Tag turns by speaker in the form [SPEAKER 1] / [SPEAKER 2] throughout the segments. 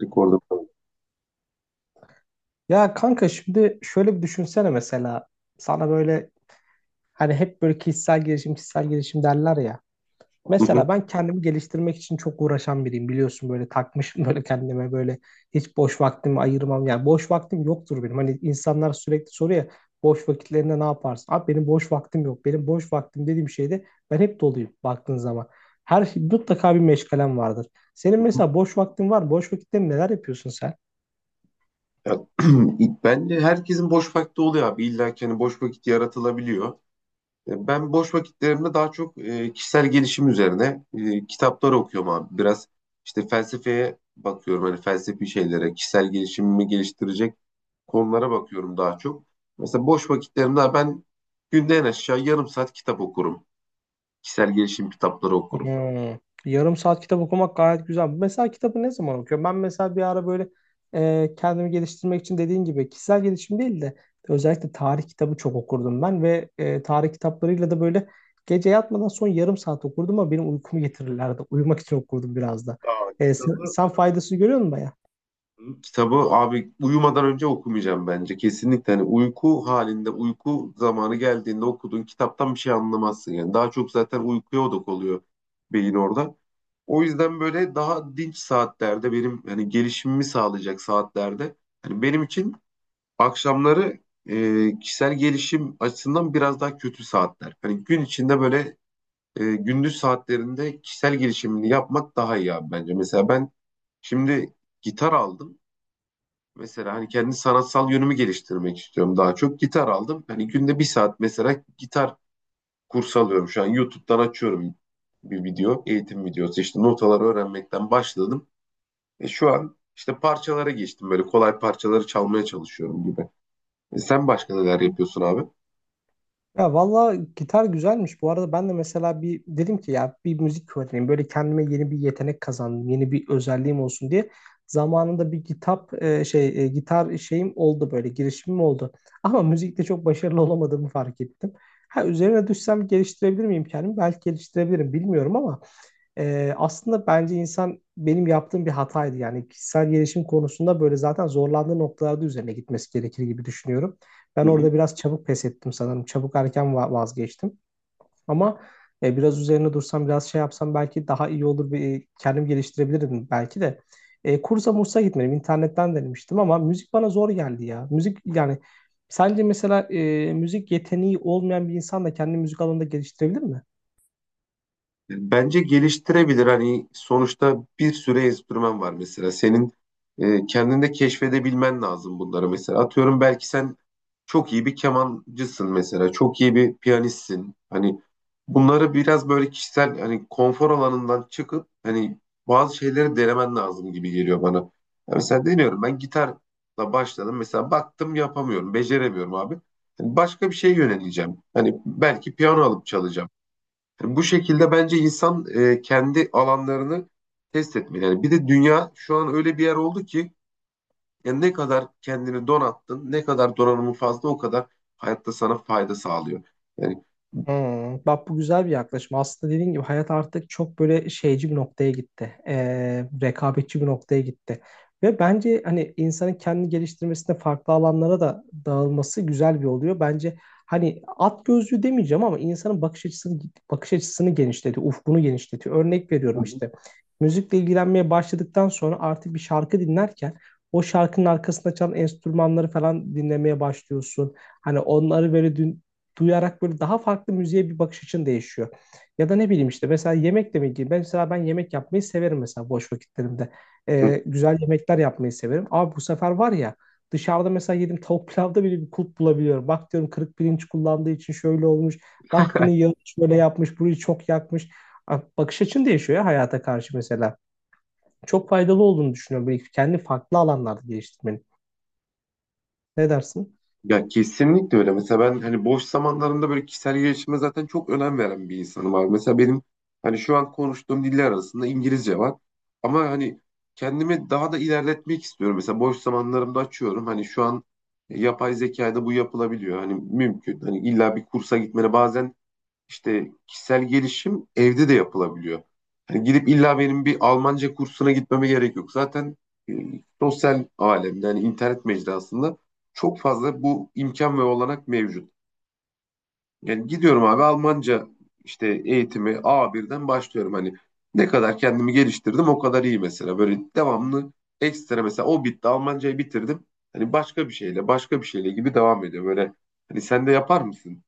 [SPEAKER 1] Rekorda falan.
[SPEAKER 2] Ya kanka şimdi şöyle bir düşünsene mesela sana böyle hani hep böyle kişisel gelişim kişisel gelişim derler ya.
[SPEAKER 1] Hı hı,
[SPEAKER 2] Mesela ben kendimi geliştirmek için çok uğraşan biriyim biliyorsun böyle takmışım böyle kendime böyle hiç boş vaktimi ayırmam yani boş vaktim yoktur benim. Hani insanlar sürekli soruyor ya boş vakitlerinde ne yaparsın? Abi benim boş vaktim yok. Benim boş vaktim dediğim şeyde ben hep doluyum baktığın zaman. Her şey, mutlaka bir meşgalem vardır. Senin
[SPEAKER 1] hı hı.
[SPEAKER 2] mesela boş vaktin var mı? Boş vakitlerinde neler yapıyorsun sen?
[SPEAKER 1] Ya, bence herkesin boş vakti oluyor abi. İlla ki hani boş vakit yaratılabiliyor. Ben boş vakitlerimde daha çok kişisel gelişim üzerine kitaplar okuyorum abi. Biraz işte felsefeye bakıyorum. Hani felsefi şeylere, kişisel gelişimimi geliştirecek konulara bakıyorum daha çok. Mesela boş vakitlerimde ben günde en aşağı yarım saat kitap okurum. Kişisel gelişim kitapları okurum.
[SPEAKER 2] Hmm. Yarım saat kitap okumak gayet güzel. Mesela kitabı ne zaman okuyorum? Ben mesela bir ara böyle kendimi geliştirmek için dediğin gibi kişisel gelişim değil de özellikle tarih kitabı çok okurdum ben ve tarih kitaplarıyla da böyle gece yatmadan son yarım saat okurdum ama benim uykumu getirirlerdi. Uyumak için okurdum biraz da.
[SPEAKER 1] Aa,
[SPEAKER 2] Sen,
[SPEAKER 1] kitabı
[SPEAKER 2] sen faydasını görüyor musun?
[SPEAKER 1] Kitabı abi uyumadan önce okumayacağım bence. Kesinlikle hani uyku halinde uyku zamanı geldiğinde okuduğun kitaptan bir şey anlamazsın yani. Daha çok zaten uykuya odak oluyor beyin orada. O yüzden böyle daha dinç saatlerde benim hani gelişimimi sağlayacak saatlerde hani benim için akşamları kişisel gelişim açısından biraz daha kötü saatler. Hani gün içinde böyle gündüz saatlerinde kişisel gelişimini yapmak daha iyi abi bence. Mesela ben şimdi gitar aldım. Mesela hani kendi sanatsal yönümü geliştirmek istiyorum daha çok. Gitar aldım. Hani günde bir saat mesela gitar kursu alıyorum. Şu an YouTube'dan açıyorum bir video, eğitim videosu. İşte notaları öğrenmekten başladım. E şu an işte parçalara geçtim. Böyle kolay parçaları çalmaya çalışıyorum gibi. E sen başka neler yapıyorsun abi?
[SPEAKER 2] Ya valla gitar güzelmiş. Bu arada ben de mesela bir dedim ki ya bir müzik öğreneyim. Böyle kendime yeni bir yetenek kazandım. Yeni bir özelliğim olsun diye. Zamanında bir kitap şey gitar şeyim oldu böyle girişimim oldu. Ama müzikte çok başarılı olamadığımı fark ettim. Ha üzerine düşsem geliştirebilir miyim kendimi? Belki geliştirebilirim bilmiyorum ama aslında bence insan benim yaptığım bir hataydı. Yani kişisel gelişim konusunda böyle zaten zorlandığı noktalarda üzerine gitmesi gerekir gibi düşünüyorum. Ben
[SPEAKER 1] Hı hı.
[SPEAKER 2] orada biraz çabuk pes ettim sanırım. Çabuk erken vazgeçtim. Ama biraz üzerine dursam, biraz şey yapsam belki daha iyi olur. Bir, kendim geliştirebilirdim belki de. Kursa mursa gitmedim. İnternetten denemiştim ama müzik bana zor geldi ya. Müzik yani sence mesela müzik yeteneği olmayan bir insan da kendi müzik alanında geliştirebilir mi?
[SPEAKER 1] Bence geliştirebilir. Hani sonuçta bir sürü enstrüman var mesela. Senin kendinde keşfedebilmen lazım bunları mesela. Atıyorum belki sen çok iyi bir kemancısın mesela. Çok iyi bir piyanistsin. Hani bunları biraz böyle kişisel hani konfor alanından çıkıp hani bazı şeyleri denemen lazım gibi geliyor bana. Ya mesela deniyorum ben gitarla başladım. Mesela baktım yapamıyorum, beceremiyorum abi. Hani başka bir şeye yöneleceğim. Hani belki piyano alıp çalacağım. Bu şekilde bence insan kendi alanlarını test etmeli. Yani bir de dünya şu an öyle bir yer oldu ki yani ne kadar kendini donattın, ne kadar donanımın fazla o kadar hayatta sana fayda sağlıyor. Yani
[SPEAKER 2] Hmm, bak bu güzel bir yaklaşım. Aslında dediğin gibi hayat artık çok böyle şeyci bir noktaya gitti. Rekabetçi bir noktaya gitti. Ve bence hani insanın kendini geliştirmesinde farklı alanlara da dağılması güzel bir oluyor. Bence hani at gözlüğü demeyeceğim ama insanın bakış açısını genişletiyor, ufkunu genişletiyor. Örnek veriyorum
[SPEAKER 1] Hı
[SPEAKER 2] işte. Müzikle ilgilenmeye başladıktan sonra artık bir şarkı dinlerken o şarkının arkasında çalan enstrümanları falan dinlemeye başlıyorsun. Hani onları böyle duyarak böyle daha farklı müziğe bir bakış açın değişiyor. Ya da ne bileyim işte mesela yemek demek ki ben mesela ben yemek yapmayı severim mesela boş vakitlerimde.
[SPEAKER 1] hı.
[SPEAKER 2] Güzel yemekler yapmayı severim. Abi bu sefer var ya dışarıda mesela yedim tavuk pilavda bile bir kulp bulabiliyorum. Bak diyorum kırık pirinç kullandığı için şöyle olmuş. Bak bunu yağını böyle yapmış, burayı çok yakmış. Abi bakış açın değişiyor ya hayata karşı mesela. Çok faydalı olduğunu düşünüyorum. Böyle kendi farklı alanlarda geliştirmenin. Ne dersin?
[SPEAKER 1] Ya kesinlikle öyle. Mesela ben hani boş zamanlarımda böyle kişisel gelişime zaten çok önem veren bir insanım abi. Mesela benim hani şu an konuştuğum diller arasında İngilizce var. Ama hani kendimi daha da ilerletmek istiyorum. Mesela boş zamanlarımda açıyorum. Hani şu an yapay zekayla bu yapılabiliyor. Hani mümkün. Hani illa bir kursa gitmene bazen işte kişisel gelişim evde de yapılabiliyor. Hani gidip illa benim bir Almanca kursuna gitmeme gerek yok. Zaten e, sosyal alemde, yani internet mecrasında çok fazla bu imkan ve olanak mevcut. Yani gidiyorum abi Almanca işte eğitimi a birden başlıyorum. Hani ne kadar kendimi geliştirdim o kadar iyi mesela. Böyle devamlı ekstra mesela o bitti Almancayı bitirdim. Hani başka bir şeyle gibi devam ediyor. Böyle hani sen de yapar mısın?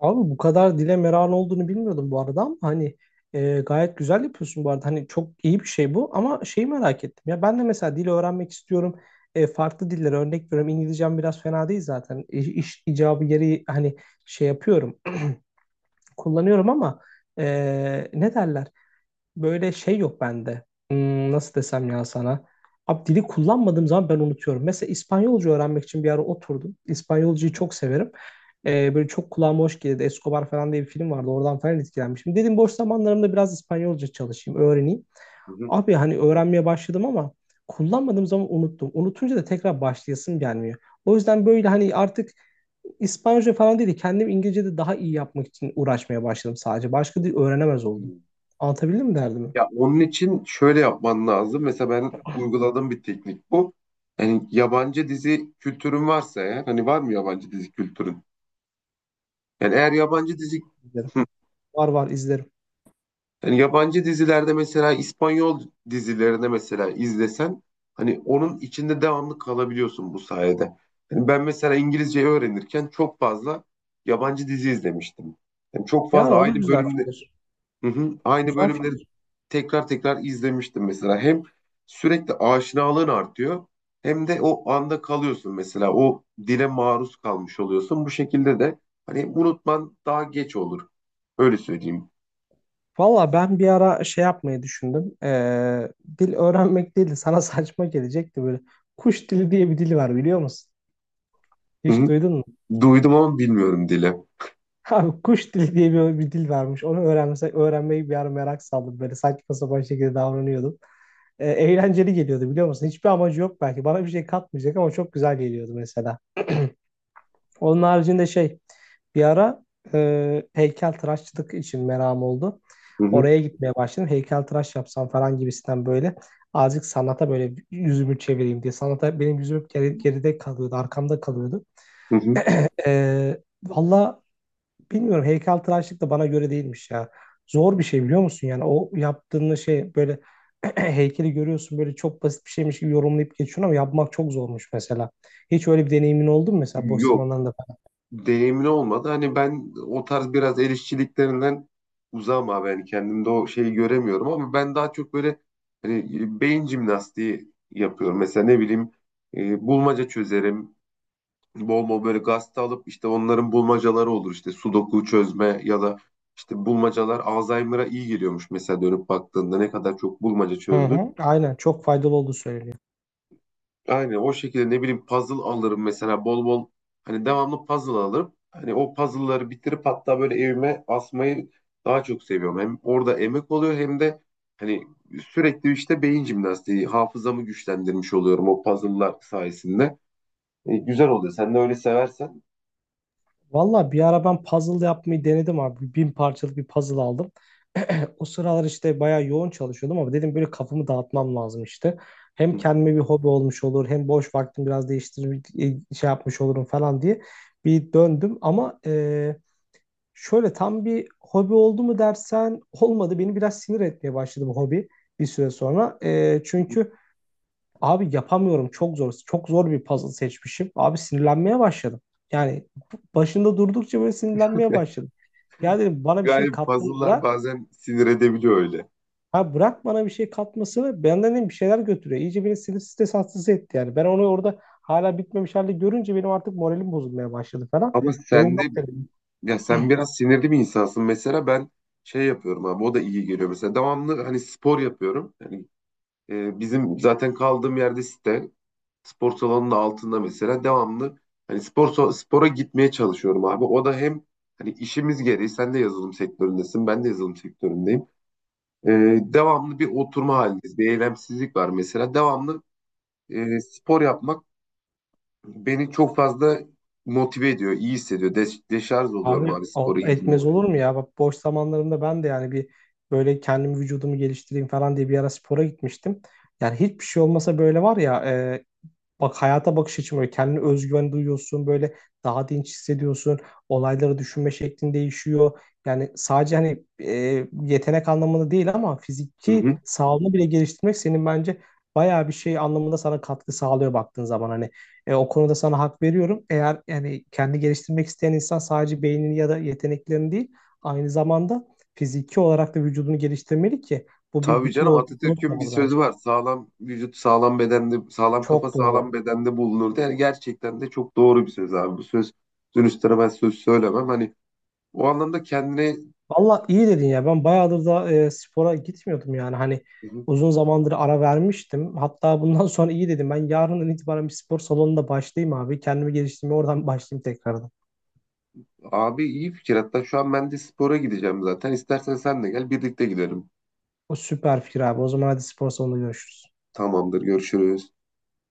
[SPEAKER 2] Abi bu kadar dile meran olduğunu bilmiyordum bu arada ama hani gayet güzel yapıyorsun bu arada. Hani çok iyi bir şey bu ama şeyi merak ettim. Ya ben de mesela dil öğrenmek istiyorum. E, farklı dillere örnek veriyorum. İngilizcem biraz fena değil zaten. İş icabı yeri hani şey yapıyorum. Kullanıyorum ama ne derler? Böyle şey yok bende. Hmm, nasıl desem ya sana? Abi dili kullanmadığım zaman ben unutuyorum. Mesela İspanyolca öğrenmek için bir ara oturdum. İspanyolcayı çok severim. Böyle çok kulağıma hoş gelirdi. Escobar falan diye bir film vardı. Oradan falan etkilenmişim. Dedim boş zamanlarımda biraz İspanyolca çalışayım, öğreneyim.
[SPEAKER 1] Hı
[SPEAKER 2] Abi hani öğrenmeye başladım ama kullanmadığım zaman unuttum. Unutunca da tekrar başlayasım gelmiyor. O yüzden böyle hani artık İspanyolca falan değil de kendim İngilizce'de daha iyi yapmak için uğraşmaya başladım sadece. Başka dil öğrenemez oldum.
[SPEAKER 1] hı.
[SPEAKER 2] Anlatabildim mi derdimi?
[SPEAKER 1] Ya onun için şöyle yapman lazım. Mesela ben uyguladığım bir teknik bu. Yani yabancı dizi kültürün varsa eğer, hani var mı yabancı dizi kültürün? Yani eğer yabancı dizi
[SPEAKER 2] İzlerim.
[SPEAKER 1] Hı.
[SPEAKER 2] Var var izlerim.
[SPEAKER 1] yani yabancı dizilerde mesela İspanyol dizilerine mesela izlesen hani onun içinde devamlı kalabiliyorsun bu sayede. Yani ben mesela İngilizceyi öğrenirken çok fazla yabancı dizi izlemiştim. Yani çok
[SPEAKER 2] Yani
[SPEAKER 1] fazla
[SPEAKER 2] o da
[SPEAKER 1] aynı
[SPEAKER 2] güzel
[SPEAKER 1] bölümde
[SPEAKER 2] fikir.
[SPEAKER 1] Hı hı, aynı
[SPEAKER 2] Güzel
[SPEAKER 1] bölümleri
[SPEAKER 2] fikir.
[SPEAKER 1] tekrar tekrar izlemiştim mesela. Hem sürekli aşinalığın artıyor hem de o anda kalıyorsun mesela. O dile maruz kalmış oluyorsun. Bu şekilde de hani unutman daha geç olur. Öyle söyleyeyim.
[SPEAKER 2] Valla ben bir ara şey yapmayı düşündüm. Dil öğrenmek değil de sana saçma gelecekti böyle. Kuş dili diye bir dil var biliyor musun?
[SPEAKER 1] Hı
[SPEAKER 2] Hiç
[SPEAKER 1] hı.
[SPEAKER 2] duydun mu?
[SPEAKER 1] Duydum ama bilmiyorum dile.
[SPEAKER 2] Abi kuş dili diye bir dil varmış. Onu öğrenmesek öğrenmeyi bir ara merak saldım. Böyle saçma sapan şekilde davranıyordum. Eğlenceli geliyordu biliyor musun? Hiçbir amacı yok belki. Bana bir şey katmayacak ama çok güzel geliyordu mesela. Onun haricinde şey bir ara heykeltıraşçılık için merakım oldu.
[SPEAKER 1] Hı hı.
[SPEAKER 2] Oraya gitmeye başladım. Heykeltıraş yapsam falan gibisinden böyle azıcık sanata böyle yüzümü çevireyim diye. Sanata benim yüzüm geride kalıyordu, arkamda kalıyordu.
[SPEAKER 1] Hı hı.
[SPEAKER 2] Ee, vallahi bilmiyorum heykeltıraşlık da bana göre değilmiş ya. Zor bir şey biliyor musun? Yani o yaptığın şey böyle heykeli görüyorsun böyle çok basit bir şeymiş gibi yorumlayıp geçiyorsun ama yapmak çok zormuş mesela. Hiç öyle bir deneyimin oldu mu mesela boş
[SPEAKER 1] Yok.
[SPEAKER 2] zamanlarında falan?
[SPEAKER 1] Deneyimli olmadı. Hani ben o tarz biraz el işçiliklerinden uzağım abi. Yani kendimde o şeyi göremiyorum ama ben daha çok böyle hani beyin jimnastiği yapıyorum. Mesela ne bileyim bulmaca çözerim. Bol bol böyle gazete alıp işte onların bulmacaları olur işte sudoku çözme ya da işte bulmacalar Alzheimer'a iyi geliyormuş mesela dönüp baktığında ne kadar çok bulmaca
[SPEAKER 2] Hı
[SPEAKER 1] çözdün.
[SPEAKER 2] hı, aynen çok faydalı olduğu söyleniyor.
[SPEAKER 1] Aynen o şekilde ne bileyim puzzle alırım mesela bol bol hani devamlı puzzle alırım. Hani o puzzle'ları bitirip hatta böyle evime asmayı daha çok seviyorum. Hem orada emek oluyor hem de hani sürekli işte beyin jimnastiği, hafızamı güçlendirmiş oluyorum o puzzle'lar sayesinde. E, güzel oluyor. Sen de öyle seversen.
[SPEAKER 2] Valla bir ara ben puzzle yapmayı denedim abi. 1.000 parçalık bir puzzle aldım. O sıralar işte bayağı yoğun çalışıyordum ama dedim böyle kafamı dağıtmam lazım işte. Hem kendime bir hobi olmuş olur hem boş vaktimi biraz değiştirip şey yapmış olurum falan diye bir döndüm. Ama şöyle tam bir hobi oldu mu dersen olmadı. Beni biraz sinir etmeye başladı bu hobi bir süre sonra. E, çünkü Abi yapamıyorum çok zor. Çok zor bir puzzle seçmişim. Abi sinirlenmeye başladım. Yani başında durdukça böyle sinirlenmeye başladım. Ya dedim bana bir şey
[SPEAKER 1] Yani
[SPEAKER 2] kattığını
[SPEAKER 1] puzzle'lar
[SPEAKER 2] bırak.
[SPEAKER 1] bazen sinir edebiliyor öyle.
[SPEAKER 2] Ha bırak bana bir şey katmasını benden dedim bir şeyler götürüyor. İyice beni sinir stres hastası etti yani. Ben onu orada hala bitmemiş halde görünce benim artık moralim bozulmaya başladı falan.
[SPEAKER 1] Ama
[SPEAKER 2] Dedim
[SPEAKER 1] sen de
[SPEAKER 2] yok dedim.
[SPEAKER 1] ya sen biraz sinirli bir insansın. Mesela ben şey yapıyorum abi o da iyi geliyor. Mesela devamlı hani spor yapıyorum. Yani bizim zaten kaldığım yerde site spor salonunun altında mesela devamlı hani spora gitmeye çalışıyorum abi. O da hem hani işimiz gereği sen de yazılım sektöründesin ben de yazılım sektöründeyim. E, devamlı bir oturma halindeyiz. Bir eylemsizlik var mesela. Devamlı spor yapmak beni çok fazla motive ediyor, iyi hissediyor. Deşarj oluyorum
[SPEAKER 2] Abi
[SPEAKER 1] abi spora gidince.
[SPEAKER 2] etmez olur mu ya? Bak boş zamanlarımda ben de yani bir böyle kendim vücudumu geliştireyim falan diye bir ara spora gitmiştim. Yani hiçbir şey olmasa böyle var ya e, bak hayata bakış açım böyle kendine özgüven duyuyorsun böyle daha dinç hissediyorsun, olayları düşünme şeklin değişiyor. Yani sadece hani yetenek anlamında değil ama
[SPEAKER 1] Hı
[SPEAKER 2] fiziki
[SPEAKER 1] hı.
[SPEAKER 2] sağlığını bile geliştirmek senin bence bayağı bir şey anlamında sana katkı sağlıyor baktığın zaman. Hani o konuda sana hak veriyorum. Eğer yani kendi geliştirmek isteyen insan sadece beynini ya da yeteneklerini değil aynı zamanda fiziki olarak da vücudunu geliştirmeli ki bu bir
[SPEAKER 1] Tabii
[SPEAKER 2] bütün
[SPEAKER 1] canım,
[SPEAKER 2] olduğunu
[SPEAKER 1] Atatürk'ün bir
[SPEAKER 2] unutmamalı
[SPEAKER 1] sözü
[SPEAKER 2] bence.
[SPEAKER 1] var. Sağlam vücut sağlam bedende, sağlam kafa
[SPEAKER 2] Çok
[SPEAKER 1] sağlam
[SPEAKER 2] doğru.
[SPEAKER 1] bedende bulunur. Yani gerçekten de çok doğru bir söz abi. Bu söz dönüştüre ben söz söylemem. Hani o anlamda kendine
[SPEAKER 2] Valla iyi dedin ya. Ben bayağıdır da spora gitmiyordum yani. Hani
[SPEAKER 1] Hı hı.
[SPEAKER 2] uzun zamandır ara vermiştim. Hatta bundan sonra iyi dedim. Ben yarından itibaren bir spor salonunda başlayayım abi. Kendimi geliştirmeye oradan başlayayım tekrardan.
[SPEAKER 1] Abi iyi fikir. Hatta şu an ben de spora gideceğim zaten. İstersen sen de gel birlikte gidelim.
[SPEAKER 2] O süper fikir abi. O zaman hadi spor salonunda görüşürüz.
[SPEAKER 1] Tamamdır görüşürüz.